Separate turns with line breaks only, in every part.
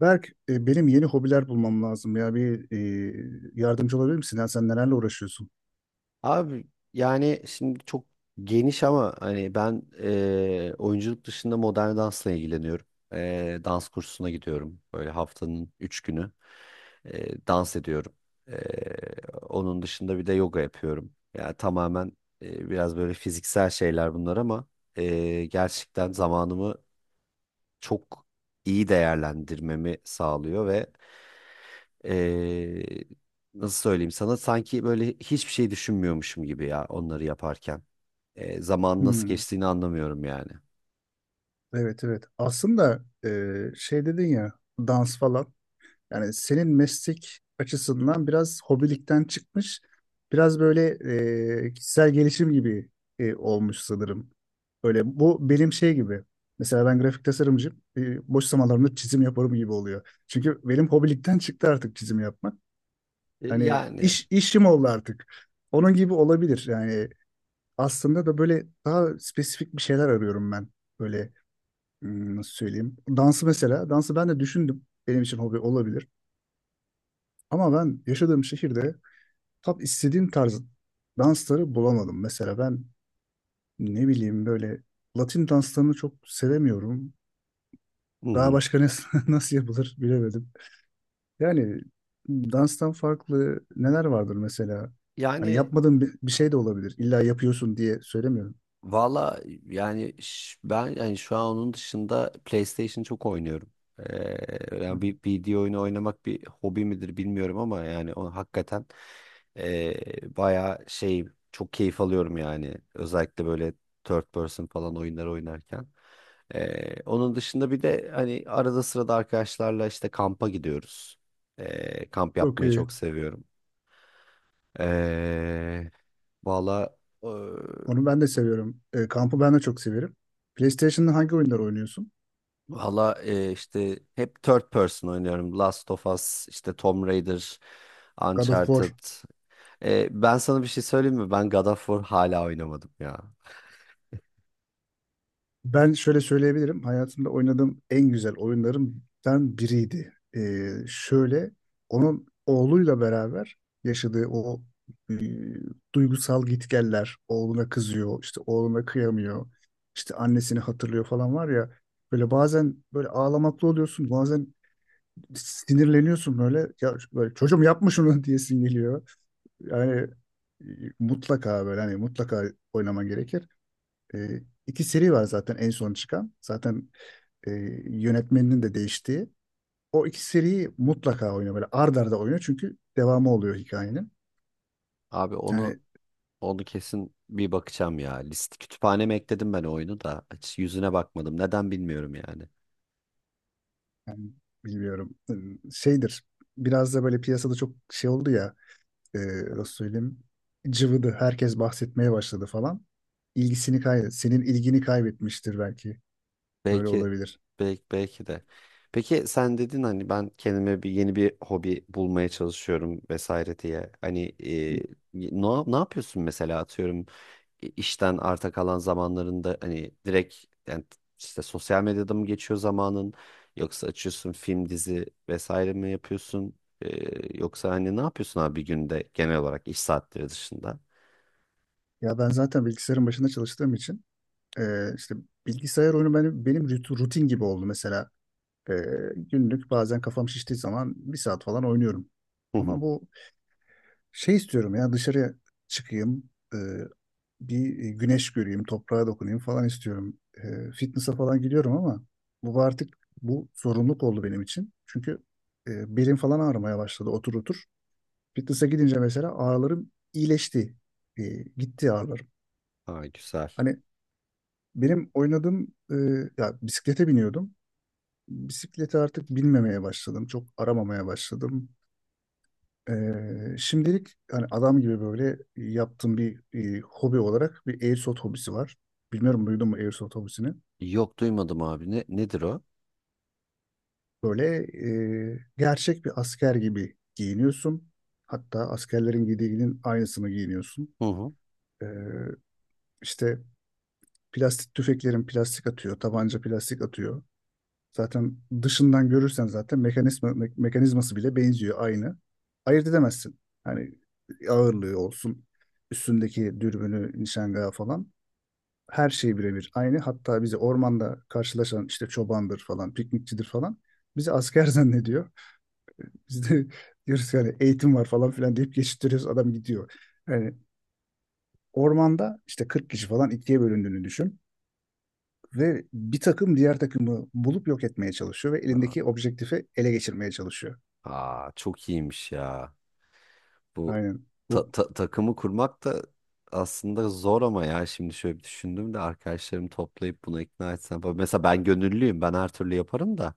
Berk, benim yeni hobiler bulmam lazım ya. Bir yardımcı olabilir misin? Ya sen nelerle uğraşıyorsun?
Abi yani şimdi çok geniş ama hani ben oyunculuk dışında modern dansla ilgileniyorum. Dans kursuna gidiyorum. Böyle haftanın 3 günü dans ediyorum. Eee, Onun dışında bir de yoga yapıyorum. Yani tamamen biraz böyle fiziksel şeyler bunlar ama gerçekten zamanımı çok iyi değerlendirmemi sağlıyor ve ee, nasıl söyleyeyim sana, sanki böyle hiçbir şey düşünmüyormuşum gibi ya onları yaparken. Zaman nasıl
Hmm,
geçtiğini anlamıyorum yani.
evet evet. Aslında şey dedin ya, dans falan. Yani senin meslek açısından biraz hobilikten çıkmış. Biraz böyle kişisel gelişim gibi olmuş sanırım. Öyle, bu benim şey gibi. Mesela ben grafik tasarımcıyım. Boş zamanlarımda çizim yaparım gibi oluyor. Çünkü benim hobilikten çıktı artık çizim yapmak.
Ee,
Hani
yani
işim oldu artık. Onun gibi olabilir. Yani aslında da böyle daha spesifik bir şeyler arıyorum ben. Böyle, nasıl söyleyeyim? Dansı mesela. Dansı ben de düşündüm. Benim için hobi olabilir. Ama ben yaşadığım şehirde tam istediğim tarz dansları bulamadım. Mesela ben, ne bileyim, böyle Latin danslarını çok sevemiyorum.
hı
Daha
hı.
başka nasıl yapılır bilemedim. Yani danstan farklı neler vardır mesela? Hani
Yani
yapmadığın bir şey de olabilir. İlla yapıyorsun diye söylemiyorum.
Valla yani ben yani şu an onun dışında PlayStation çok oynuyorum.
Hı hı.
Yani bir video oyunu oynamak bir hobi midir bilmiyorum ama yani o hakikaten bayağı şey çok keyif alıyorum yani. Özellikle böyle third person falan oyunlar oynarken. Onun dışında bir de hani arada sırada arkadaşlarla işte kampa gidiyoruz. Kamp
Çok
yapmayı
iyi.
çok seviyorum. Ee, valla
Onu ben de seviyorum. Kampı ben de çok severim. PlayStation'da hangi oyunlar oynuyorsun?
Valla işte hep third person oynuyorum. Last of Us, işte Tomb Raider,
God of War.
Uncharted. E, ben sana bir şey söyleyeyim mi? Ben God of War hala oynamadım ya.
Ben şöyle söyleyebilirim. Hayatımda oynadığım en güzel oyunlarımdan biriydi. Şöyle, onun oğluyla beraber yaşadığı o e, duygusal gitgeller, oğluna kızıyor, işte oğluna kıyamıyor, işte annesini hatırlıyor falan var ya. Böyle bazen böyle ağlamaklı oluyorsun, bazen sinirleniyorsun böyle. Ya, böyle çocuğum yapma şunu diyesin geliyor. Yani e, mutlaka, böyle hani, mutlaka oynaman gerekir. E, iki seri var zaten en son çıkan. Zaten e, yönetmeninin de değiştiği. O iki seriyi mutlaka oynuyor, böyle ard arda oynuyor, çünkü devamı oluyor hikayenin.
Abi
Yani,
onu Onu kesin bir bakacağım ya. List kütüphaneme ekledim ben oyunu da. Hiç yüzüne bakmadım. Neden bilmiyorum yani.
yani bilmiyorum, şeydir, biraz da böyle piyasada çok şey oldu ya, e, nasıl söyleyeyim, cıvıdı, herkes bahsetmeye başladı falan. Senin ilgini kaybetmiştir belki. Öyle
Belki,
olabilir.
belki, belki de. Peki sen dedin hani ben kendime bir yeni bir hobi bulmaya çalışıyorum vesaire diye. Hani ne yapıyorsun mesela, atıyorum işten arta kalan zamanlarında hani direkt, yani işte sosyal medyada mı geçiyor zamanın, yoksa açıyorsun film dizi vesaire mi yapıyorsun? E, yoksa hani ne yapıyorsun abi bir günde genel olarak iş saatleri dışında?
Ya ben zaten bilgisayarın başında çalıştığım için işte bilgisayar oyunu benim rutin gibi oldu mesela. Ee, Günlük bazen kafam şiştiği zaman bir saat falan oynuyorum.
Hı hı.
Ama bu, şey istiyorum ya, dışarıya çıkayım, bir güneş göreyim, toprağa dokunayım falan istiyorum. Fitness'a falan gidiyorum ama bu artık bu zorunluluk oldu benim için. Çünkü belim falan ağrımaya başladı otur otur. Fitness'a gidince mesela ağrılarım iyileşti. E, gitti ağrılarım.
Aa, güzel.
Hani benim oynadığım, ya, bisiklete biniyordum. Bisiklete artık binmemeye başladım. Çok aramamaya başladım. Şimdilik hani adam gibi böyle yaptığım bir hobi olarak, bir airsoft hobisi var. Bilmiyorum, duydun mu airsoft hobisini?
Yok, duymadım abi, nedir o?
Böyle gerçek bir asker gibi giyiniyorsun. Hatta askerlerin giydiğinin aynısını giyiniyorsun.
Hı hı.
Ee, işte plastik tüfeklerin plastik atıyor, tabanca plastik atıyor. Zaten dışından görürsen zaten mekanizması bile benziyor aynı. Ayırt edemezsin. Hani ağırlığı olsun, üstündeki dürbünü, nişangahı falan, her şey birebir aynı. Hatta bizi ormanda karşılaşan işte çobandır falan, piknikçidir falan, bizi asker zannediyor. Biz de diyoruz ki hani eğitim var falan filan deyip geçiştiriyoruz, adam gidiyor. Yani ormanda işte 40 kişi falan ikiye bölündüğünü düşün, ve bir takım diğer takımı bulup yok etmeye çalışıyor ve elindeki objektifi ele geçirmeye çalışıyor.
Aa, çok iyiymiş ya. Bu
Aynen. Bu
takımı kurmak da aslında zor, ama ya şimdi şöyle bir düşündüm de arkadaşlarımı toplayıp buna ikna etsem falan. Mesela ben gönüllüyüm. Ben her türlü yaparım da.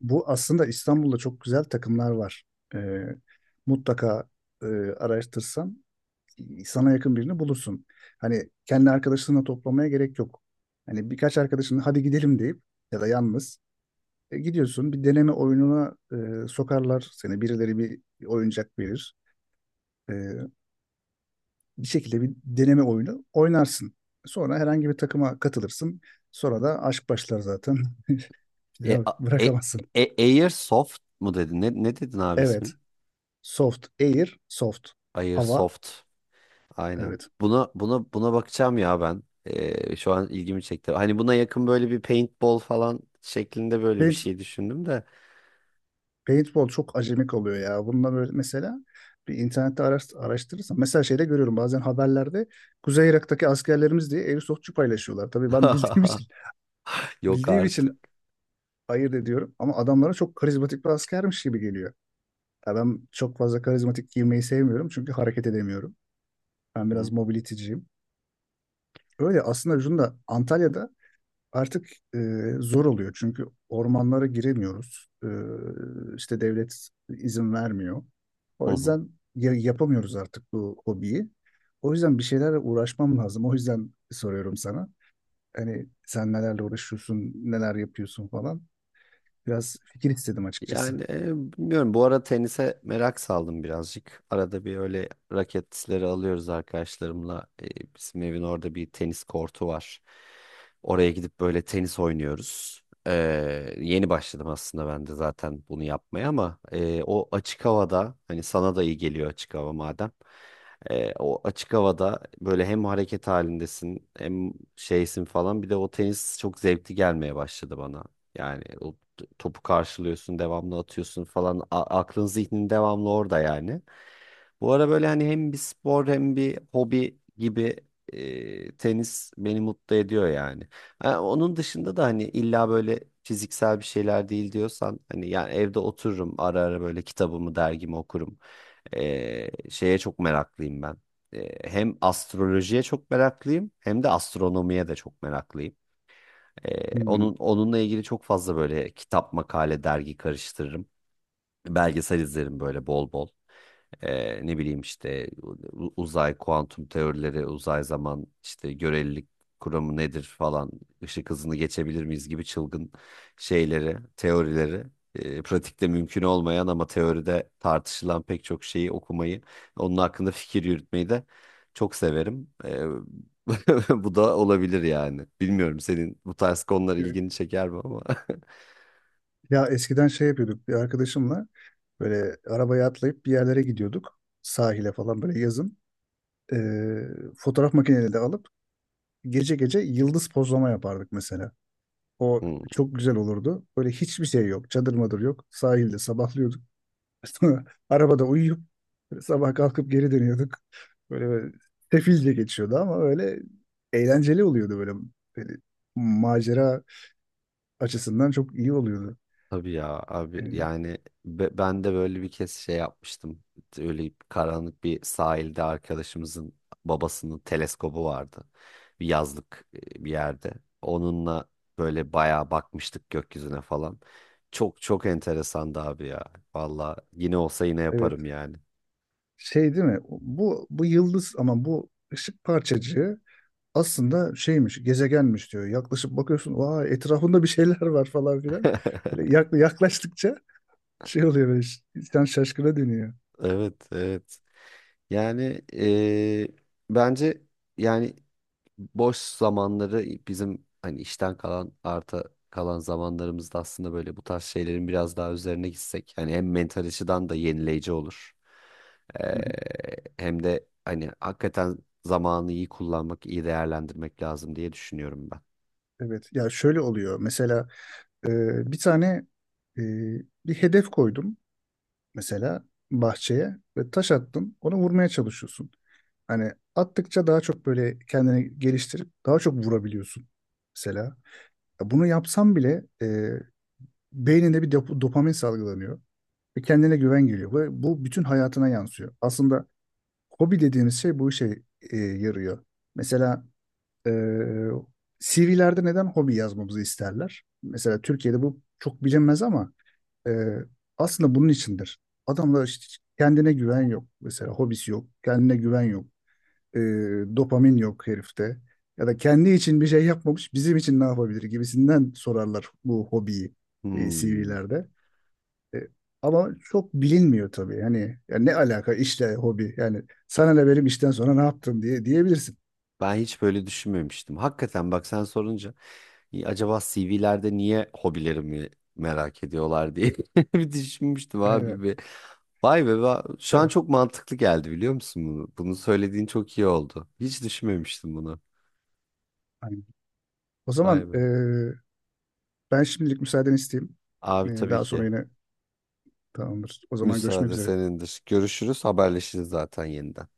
bu aslında, İstanbul'da çok güzel takımlar var. Ee, mutlaka, e, araştırsan sana yakın birini bulursun. Hani kendi arkadaşlarına toplamaya gerek yok. Hani birkaç arkadaşın hadi gidelim deyip, ya da yalnız gidiyorsun. Bir deneme oyununa sokarlar seni. Birileri bir oyuncak verir. E, bir şekilde bir deneme oyunu oynarsın. Sonra herhangi bir takıma katılırsın. Sonra da aşk başlar zaten. Bir
E,
daha
a- e,
bırakamazsın.
Airsoft mu dedin? Ne dedin abi
Evet.
ismin?
Soft. Air. Soft. Hava.
Airsoft. Aynen.
Evet.
Buna bakacağım ya ben. E, şu an ilgimi çekti. Hani buna yakın böyle bir paintball falan şeklinde böyle bir
Paint
şey düşündüm de.
Paintball çok acemi kalıyor ya. Bununla böyle mesela bir internette araştırırsan, mesela şeyde görüyorum bazen haberlerde, Kuzey Irak'taki askerlerimiz diye airsoftçu paylaşıyorlar. Tabii ben bildiğim için
Yok
bildiğim
artık.
için ayırt ediyorum ama adamlara çok karizmatik bir askermiş gibi geliyor. Ya ben çok fazla karizmatik giymeyi sevmiyorum çünkü hareket edemiyorum. Ben biraz
Hmm.
mobility'ciyim. Öyle. Aslında şunu da, Antalya'da artık e, zor oluyor çünkü ormanlara giremiyoruz. E, işte devlet izin vermiyor. O yüzden yapamıyoruz artık bu hobiyi. O yüzden bir şeylerle uğraşmam lazım. O yüzden soruyorum sana. Hani sen nelerle uğraşıyorsun, neler yapıyorsun falan. Biraz fikir istedim açıkçası.
Yani bilmiyorum, bu ara tenise merak saldım birazcık. Arada bir öyle raketleri alıyoruz arkadaşlarımla. Bizim evin orada bir tenis kortu var. Oraya gidip böyle tenis oynuyoruz. E, Yeni başladım aslında ben de zaten bunu yapmaya, ama o açık havada hani sana da iyi geliyor açık hava madem. E, o açık havada böyle hem hareket halindesin hem şeysin falan, bir de o tenis çok zevkli gelmeye başladı bana. Yani o topu karşılıyorsun, devamlı atıyorsun falan. Aklın zihnin devamlı orada yani. Bu ara böyle hani hem bir spor hem bir hobi gibi, tenis beni mutlu ediyor yani. Ha, onun dışında da hani illa böyle fiziksel bir şeyler değil diyorsan, hani yani evde otururum, ara ara böyle kitabımı dergimi okurum. E, şeye çok meraklıyım ben. E, hem astrolojiye çok meraklıyım hem de astronomiye de çok meraklıyım.
Hmm.
Onunla ilgili çok fazla böyle kitap, makale, dergi karıştırırım. Belgesel izlerim böyle bol bol. Ne bileyim, işte uzay, kuantum teorileri, uzay zaman, işte görelilik kuramı nedir falan, ışık hızını geçebilir miyiz gibi çılgın şeyleri, teorileri, pratikte mümkün olmayan ama teoride tartışılan pek çok şeyi okumayı, onun hakkında fikir yürütmeyi de çok severim. Bu da olabilir yani. Bilmiyorum senin bu tarz konular
Evet.
ilgini çeker mi ama.
Ya eskiden şey yapıyorduk bir arkadaşımla, böyle arabaya atlayıp bir yerlere gidiyorduk. Sahile falan, böyle yazın. E, fotoğraf makineleri de alıp gece gece yıldız pozlama yapardık mesela. O
Hmm.
çok güzel olurdu. Böyle hiçbir şey yok. Çadır madır yok. Sahilde sabahlıyorduk. Arabada uyuyup sabah kalkıp geri dönüyorduk. Böyle sefilce geçiyordu ama öyle eğlenceli oluyordu böyle. Böyle macera açısından çok iyi oluyordu.
Tabii ya abi,
Yani,
yani ben de böyle bir kez şey yapmıştım. Öyle bir karanlık bir sahilde arkadaşımızın babasının teleskobu vardı. Bir yazlık bir yerde. Onunla böyle bayağı bakmıştık gökyüzüne falan. Çok çok enteresandı abi ya. Valla yine olsa yine
evet.
yaparım yani.
Şey değil mi? Bu yıldız ama, bu ışık parçacığı aslında şeymiş, gezegenmiş diyor. Yaklaşıp bakıyorsun, vay, etrafında bir şeyler var falan filan. Böyle yaklaştıkça şey oluyor böyle, insan şaşkına dönüyor.
Evet, evet. Yani bence, yani boş zamanları bizim, hani işten kalan arta kalan zamanlarımızda aslında böyle bu tarz şeylerin biraz daha üzerine gitsek, hani hem mental açıdan da yenileyici olur.
Hı hı.
Ee, Hem de hani hakikaten zamanı iyi kullanmak, iyi değerlendirmek lazım diye düşünüyorum ben.
Evet, ya şöyle oluyor mesela, e, bir tane e, bir hedef koydum mesela bahçeye ve taş attım, onu vurmaya çalışıyorsun. Hani attıkça daha çok böyle kendini geliştirip daha çok vurabiliyorsun mesela. Ya, bunu yapsam bile beyninde bir dopamin salgılanıyor. Ve kendine güven geliyor. Ve bu bütün hayatına yansıyor. Aslında hobi dediğimiz şey bu işe yarıyor. Mesela e, CV'lerde neden hobi yazmamızı isterler? Mesela Türkiye'de bu çok bilinmez ama e, aslında bunun içindir. Adamlar işte, kendine güven yok. Mesela hobisi yok. Kendine güven yok. E, dopamin yok herifte. Ya da kendi için bir şey yapmamış, bizim için ne yapabilir gibisinden sorarlar bu hobiyi
Hmm.
CV'lerde. E, Ama çok bilinmiyor tabii. Hani, ya ne alaka işle hobi? Yani sana ne benim işten sonra ne yaptım diye diyebilirsin.
Ben hiç böyle düşünmemiştim. Hakikaten bak, sen sorunca "İyi, acaba CV'lerde niye hobilerimi merak ediyorlar?" diye bir düşünmüştüm abi
Aynen.
bir. Vay be, şu an
Evet,
çok mantıklı geldi, biliyor musun bunu? Bunu söylediğin çok iyi oldu. Hiç düşünmemiştim bunu.
aynen. O
Vay
zaman
be.
ben şimdilik müsaadeni isteyeyim. E,
Abi tabii
daha sonra
ki.
yine, tamamdır. O zaman görüşmek
Müsaade
üzere.
senindir. Görüşürüz, haberleşiriz zaten yeniden.